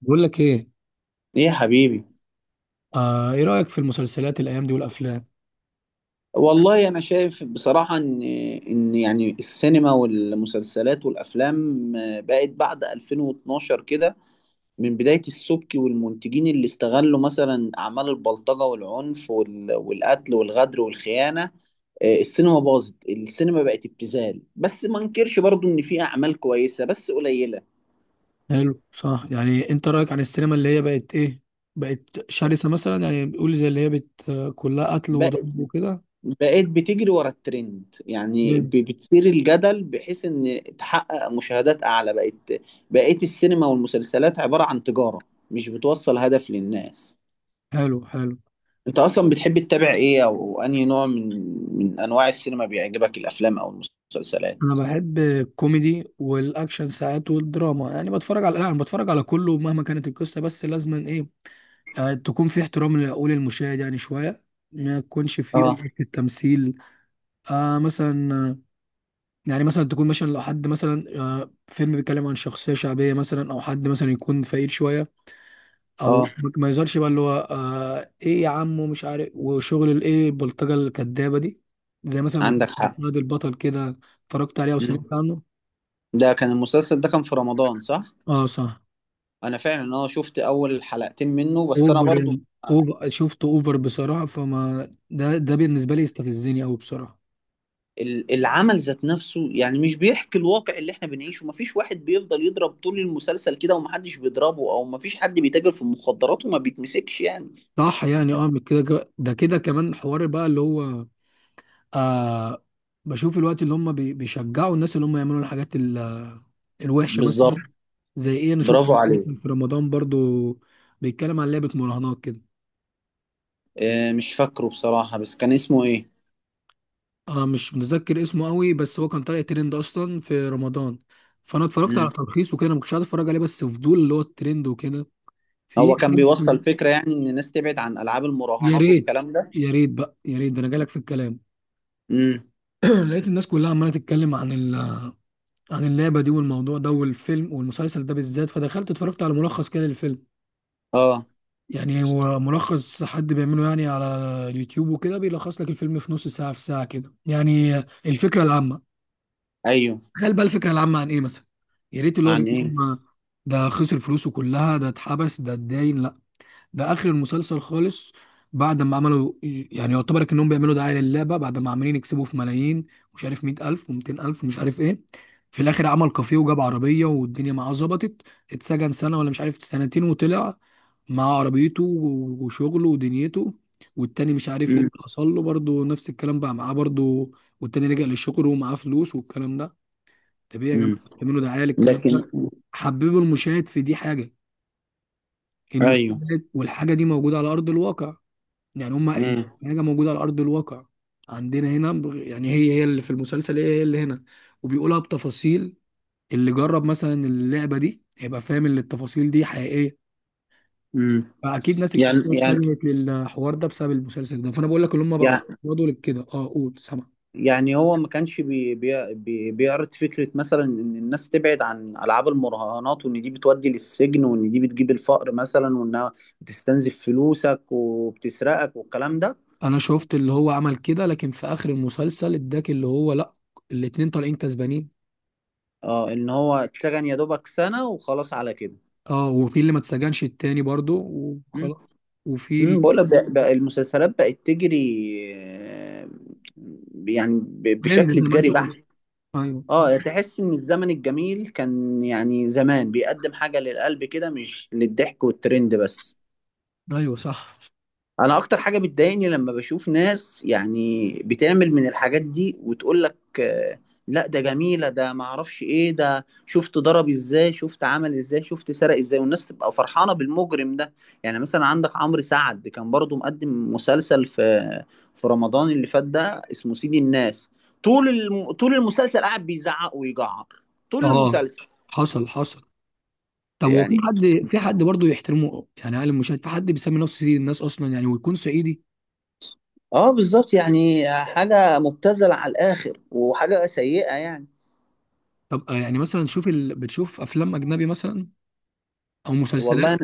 بقول لك ايه؟ ايه يا حبيبي. ايه رأيك في المسلسلات الايام دي والافلام؟ والله انا شايف بصراحة ان يعني السينما والمسلسلات والافلام بقت بعد 2012 كده، من بداية السبكي والمنتجين اللي استغلوا مثلا اعمال البلطجة والعنف والقتل والغدر والخيانة. السينما باظت، السينما بقت ابتذال، بس ما انكرش برضو ان في اعمال كويسة بس قليلة. حلو، صح. يعني انت رأيك عن السينما اللي هي بقت ايه؟ بقت شرسة مثلا، يعني بيقول زي اللي هي بت آه، كلها قتل وضرب وكده. بقيت بتجري ورا الترند، يعني جامد. بتثير الجدل بحيث ان تحقق مشاهدات اعلى. بقت بقيت السينما والمسلسلات عبارة عن تجارة، مش بتوصل هدف للناس. حلو حلو. انت اصلا بتحب تتابع ايه، او انهي نوع من من انواع السينما بيعجبك، الافلام او المسلسلات؟ انا بحب الكوميدي والاكشن ساعات والدراما، يعني بتفرج على لا انا بتفرج على كله مهما كانت القصة، بس لازما ايه، تكون في احترام لعقول المشاهد يعني شوية. ما يكونش في اه. اوفر في التمثيل. مثلا يعني مثلا تكون مثلا لو حد مثلا فيلم بيتكلم عن شخصية شعبية مثلا، أو حد مثلا يكون فقير شوية. أو اه، ما يظهرش بقى اللي هو إيه يا عم ومش عارف وشغل الإيه البلطجة الكدابة دي. زي مثلا مسلسل عندك حق. فهد البطل كده. اتفرجت عليه أو سمعت مم. عنه؟ ده كان المسلسل، ده كان في رمضان صح؟ أه، صح. انا فعلا اه شفت اول حلقتين منه، بس انا أوفر برضو يعني، أوفر، شفته أوفر بصراحة، فما ده بالنسبة لي يستفزني أوي بصراحة. العمل ذات نفسه يعني مش بيحكي الواقع اللي احنا بنعيشه. مفيش واحد بيفضل يضرب طول المسلسل كده ومحدش بيضربه، او مفيش حد بيتاجر في المخدرات وما بيتمسكش يعني. صح. يعني من كده ده كده كمان حوار بقى اللي هو آه بشوف الوقت اللي هم بيشجعوا الناس اللي هم يعملوا الحاجات الوحشه مثلا. بالظبط. زي ايه؟ انا شفت برافو عليه. فيلم في رمضان برضو بيتكلم عن لعبه مراهنات كده. اه مش فاكره بصراحة، بس كان اسمه ايه؟ مش متذكر اسمه قوي، بس هو كان طالع ترند اصلا في رمضان. فانا اتفرجت على مم. تلخيص وكده. أنا ما كنتش قاعد اتفرج عليه بس فضول اللي هو الترند وكده. في هو كان بيوصل شاب- فكرة يعني ان الناس تبعد عن العاب يا المراهنات ريت. والكلام ده؟ يا ريت بقى، يا ريت ده انا جالك في الكلام. امم. لقيت الناس كلها عماله تتكلم عن اللعبه دي والموضوع ده والفيلم والمسلسل ده بالذات. فدخلت اتفرجت على ملخص كده للفيلم. اه. يعني هو ملخص حد بيعمله يعني على اليوتيوب وكده، بيلخص لك الفيلم في نص ساعة، في ساعة كده يعني الفكرة العامة. ايوه. تخيل بقى الفكرة العامة عن ايه مثلا؟ يا ريت اللي هو عن بيقول ايه؟ لهم ده خسر فلوسه كلها، ده اتحبس، ده اتداين. لا، ده اخر المسلسل خالص. بعد ما عملوا يعني يعتبر انهم بيعملوا دعاية للعبة، بعد ما عمالين يكسبوا في ملايين، مش عارف 100,000 و200000 ومش عارف ايه. في الاخر عمل كافيه وجاب عربية والدنيا معاه ظبطت. اتسجن سنة ولا مش عارف سنتين وطلع مع عربيته وشغله ودنيته. والتاني مش عارف ايه امم. اللي حصل له برضه نفس الكلام بقى معاه برضه. والتاني رجع للشغل ومعاه فلوس والكلام ده. طب ايه يا جماعه، امم. بتعملوا دعايه للكلام لكن، ده؟ حببوا المشاهد في دي حاجه، ايوه. المشاهد والحاجه دي موجوده على ارض الواقع. يعني هما قايلين امم. حاجه موجوده على ارض الواقع عندنا هنا يعني هي هي اللي في المسلسل، هي هي اللي هنا، وبيقولها بتفاصيل. اللي جرب مثلا اللعبه دي هيبقى فاهم ان التفاصيل دي حقيقيه. امم. فاكيد ناس يعني، كتير يعني، اتجهت للحوار ده بسبب المسلسل ده. فانا بقول لك اللي هم بقوا يعني، يقعدوا لكده. اه، قول، سامع. يعني هو ما كانش بي بي بي بيعرض فكرة مثلا إن الناس تبعد عن ألعاب المراهنات، وإن دي بتودي للسجن، وإن دي بتجيب الفقر مثلا، وإنها بتستنزف فلوسك وبتسرقك والكلام ده؟ انا شفت اللي هو عمل كده، لكن في اخر المسلسل اداك اللي هو لا، الاتنين طالعين كسبانين. اه إن هو اتسجن يا دوبك سنة وخلاص على كده. اه، وفي اللي ما اتسجنش التاني برضو وخلاص. وفي امم. بقول لك، ال- بقى بقى المسلسلات بقت تجري، آه، يعني هند بشكل زي ما انت تجاري قلت. بحت. ايوه. اه تحس ان الزمن الجميل كان يعني زمان بيقدم حاجة للقلب كده، مش للضحك والترند بس. ايوه، صح. انا اكتر حاجه بتضايقني لما بشوف ناس يعني بتعمل من الحاجات دي وتقول لك لا ده جميله، ده ما اعرفش ايه، ده شفت ضرب ازاي، شفت عمل ازاي، شفت سرق ازاي، والناس تبقى فرحانه بالمجرم ده. يعني مثلا عندك عمرو سعد كان برضو مقدم مسلسل في في رمضان اللي فات ده، اسمه سيد الناس. طول المسلسل قاعد بيزعق ويجعر طول اه، المسلسل. حصل، حصل. طب هو في يعني حد في حد برضه يحترمه يعني؟ عالم المشاهد في حد بيسمي نفسه سيد الناس اصلا يعني، ويكون صعيدي؟ اه بالظبط، يعني حاجه مبتذله على الاخر، وحاجه سيئه يعني. طب يعني مثلا بتشوف افلام اجنبي مثلا، او مسلسلات؟ والله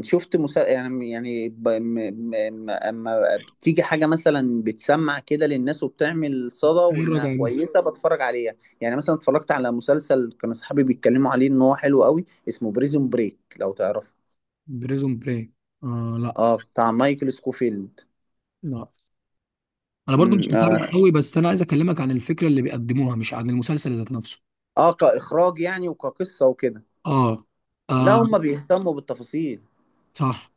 شفت مسا... يعني يعني ب... م... م... م- اما بتيجي حاجه مثلا بتسمع كده للناس وبتعمل صدى مرة وانها كان كويسه، بتفرج عليها. يعني مثلا اتفرجت على مسلسل كان اصحابي بيتكلموا عليه ان هو حلو قوي، اسمه بريزون بريك، لو تعرفه. بريزون بري. لا. اه بتاع مايكل سكوفيلد. لا، انا برضو مش متابع اه, قوي، بس انا عايز اكلمك عن الفكرة اللي بيقدموها مش عن المسلسل ذات نفسه. آه كاخراج يعني وكقصه وكده. اه، لا اه، هم بيهتموا بالتفاصيل. صح.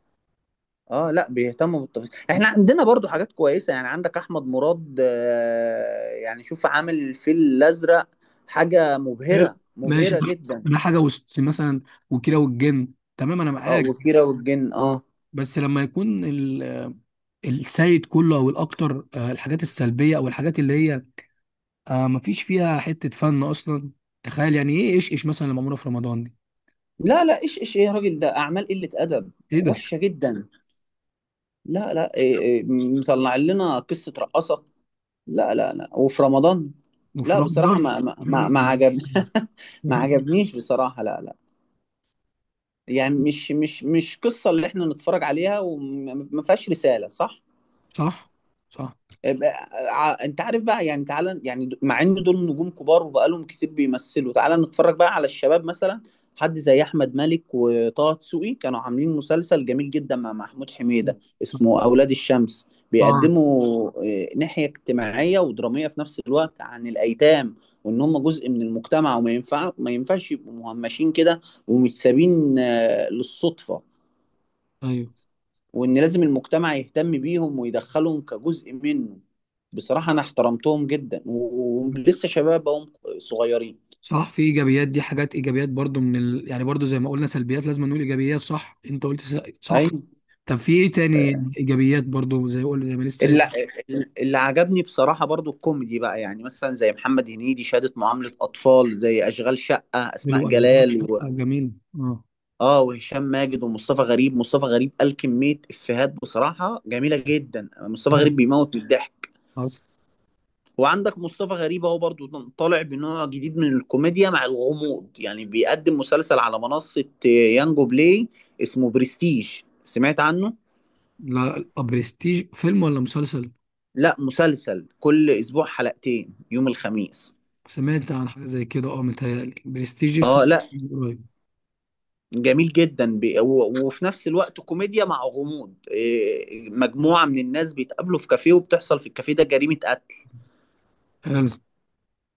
اه لا بيهتموا بالتفاصيل. احنا عندنا برضو حاجات كويسه، يعني عندك احمد مراد، يعني شوف عامل الفيل الازرق، حاجه حلو. مبهره ماشي. مبهره جدا. ده حاجة وسط مثلا. وكيرة والجن، تمام، انا اه معاك. وكيرة بس والجن. اه بس لما يكون السيد كله او الاكتر الحاجات السلبية، او الحاجات اللي هي مفيش فيها حتة فن اصلا. تخيل يعني، ايه ايش ايش مثلا اللي معمولة في رمضان دي. لا لا، ايش ايش ايه يا راجل، ده اعمال قله ادب ايه ده! وحشه جدا. لا لا، إيه إيه مطلع لنا قصه رقاصه؟ لا لا لا، وفي رمضان. وفي لا بصراحه رمضان! ما ما ما ما إيه عجب. ما يعني؟ عجبنيش بصراحه، لا لا. يعني مش مش مش قصه اللي احنا نتفرج عليها، وما ما فيهاش رساله، صح؟ صح، صح. انت عارف بقى، يعني تعالى يعني مع ان دول نجوم كبار وبقالهم كتير بيمثلوا، تعالى نتفرج بقى على الشباب مثلا. حد زي احمد مالك وطه دسوقي، كانوا عاملين مسلسل جميل جدا مع محمود حميدة، اسمه اولاد الشمس. اه، بيقدموا ناحية اجتماعية ودرامية في نفس الوقت عن الايتام، وان هم جزء من المجتمع، وما ينفع ما ينفعش يبقوا مهمشين كده ومتسابين للصدفة، ايوه، وان لازم المجتمع يهتم بيهم ويدخلهم كجزء منه. بصراحة انا احترمتهم جدا، ولسه شباب هم صغيرين. صح. في ايجابيات، دي حاجات ايجابيات برضو يعني برضو زي ما قلنا سلبيات لازم نقول ايجابيات. صح انت قلت صح. ايوه. طب في ايه تاني ايجابيات برضو، زي قول زي ما لسه قايل. اللي, اللي عجبني بصراحة برضو الكوميدي بقى، يعني مثلا زي محمد هنيدي شهادة معاملة أطفال، زي أشغال شقة أسماء حلو أوي. جلال و... جميل. اه. وهشام ماجد ومصطفى غريب. مصطفى غريب قال كمية إفيهات بصراحة جميلة جدا، مصطفى أيوة. غريب بيموت من الضحك. خلاص. وعندك مصطفى غريب اهو برضو طالع بنوع جديد من الكوميديا مع الغموض، يعني بيقدم مسلسل على منصة يانجو بلاي، اسمه برستيج. سمعت عنه؟ لا، برستيج فيلم ولا مسلسل؟ لا مسلسل، كل اسبوع حلقتين يوم الخميس. سمعت عن حاجه زي كده. اه، متهيألي برستيج اه لا قريب. جميل جدا وفي نفس الوقت كوميديا مع غموض، مجموعة من الناس بيتقابلوا في كافيه، وبتحصل في الكافيه ده جريمة قتل، حلو.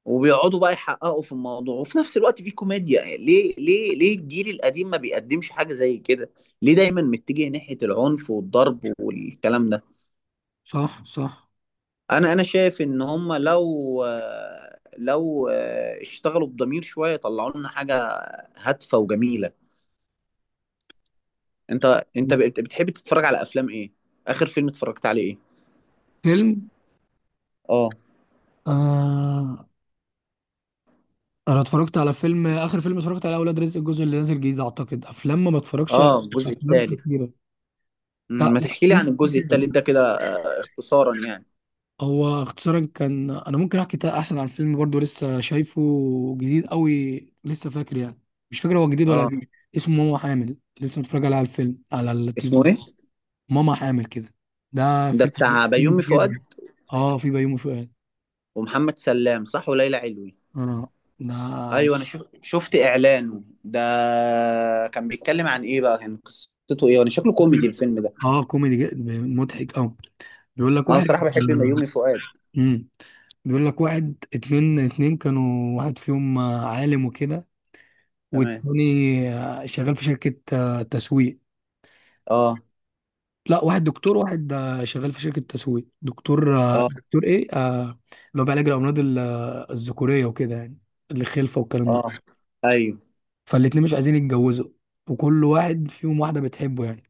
وبيقعدوا بقى يحققوا في الموضوع، وفي نفس الوقت في كوميديا. ليه ليه ليه الجيل القديم ما بيقدمش حاجة زي كده؟ ليه دايما متجه ناحية العنف والضرب والكلام ده؟ صح، صح. انا شايف ان هم لو لو اشتغلوا بضمير شوية طلعوا لنا حاجة هادفة وجميلة. انت بتحب تتفرج على افلام ايه؟ اخر فيلم اتفرجت عليه ايه؟ فيلم؟ اه. آه انا اتفرجت على فيلم، اخر فيلم اتفرجت على اولاد رزق الجزء اللي نازل جديد اعتقد. افلام ما بتفرجش على اه الجزء افلام الثالث. كتيره. لا ما لا، تحكي لي في- عن في الجزء فيلم. الثالث ده كده، اختصارا يعني. هو اختصارا كان، انا ممكن احكي احسن عن فيلم برضو لسه شايفه، جديد قوي لسه فاكر يعني. مش فاكر هو جديد ولا اه قديم. اسمه ماما حامل لسه متفرج عليه على الفيلم على اسمه التلفزيون. ايه؟ ماما حامل كده. ده ده فيلم بتاع بيومي كوميدي فؤاد جدا. اه، في بيومي فؤاد. ومحمد سلام صح، وليلى علوي. اه. ده ايوه انا شفت اعلانه ده، كان بيتكلم عن ايه بقى، كان قصته ايه؟ وانا شكله كوميدي الفيلم ده. اه كوميدي جدا، مضحك قوي. بيقول لك انا واحد. بصراحه بحب ميومي فؤاد. امم بيقول لك واحد اتنين، اتنين كانوا، واحد فيهم عالم وكده. تمام. والتاني شغال في شركة تسويق. اه. لا، واحد دكتور، واحد شغال في شركة تسويق. دكتور، اه. دكتور ايه، اللي هو بيعالج الأمراض الذكورية وكده يعني، الخلفة والكلام ده. اه. ايوه. فالاتنين مش عايزين يتجوزوا، وكل واحد فيهم واحدة بتحبه يعني.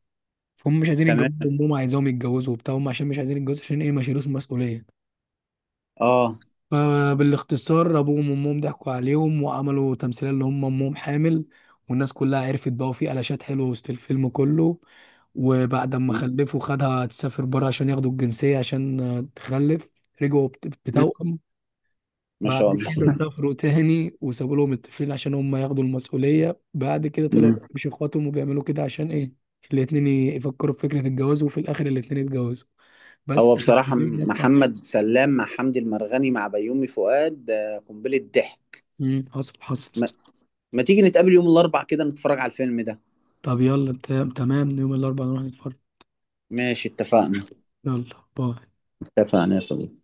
فهم مش عايزين تمام. يتجوزوا، وأمهم عايزاهم يتجوزوا وبتاع هم، عشان مش عايزين يتجوزوا عشان ايه، ما يشيلوش المسؤولية. اه. فبالاختصار ابوهم وامهم ضحكوا عليهم وعملوا تمثيليه اللي هم امهم حامل. والناس كلها عرفت بقى، وفي قلاشات حلوه وسط الفيلم كله. وبعد ما م- خلفوا خدها تسافر بره عشان ياخدوا الجنسيه، عشان تخلف. رجعوا م- بتوأم. ما بعد شاء الله. كده سافروا تاني وسابوا لهم الطفلين عشان هم ياخدوا المسؤوليه. بعد كده طلعوا م. مش اخواتهم، وبيعملوا كده عشان ايه، الاتنين يفكروا في فكره الجواز. وفي الاخر الاتنين اتجوزوا هو بس. بصراحه الفيلم ده كان. محمد سلام مع حمدي المرغني مع بيومي فؤاد ده قنبله ضحك. مم، حصل، حصل. ما... ما تيجي نتقابل يوم الاربع كده نتفرج على الفيلم ده؟ طب يلا، تمام يوم الأربعاء نروح نتفرج. ماشي اتفقنا. يلا، باي. اتفقنا يا صديقي.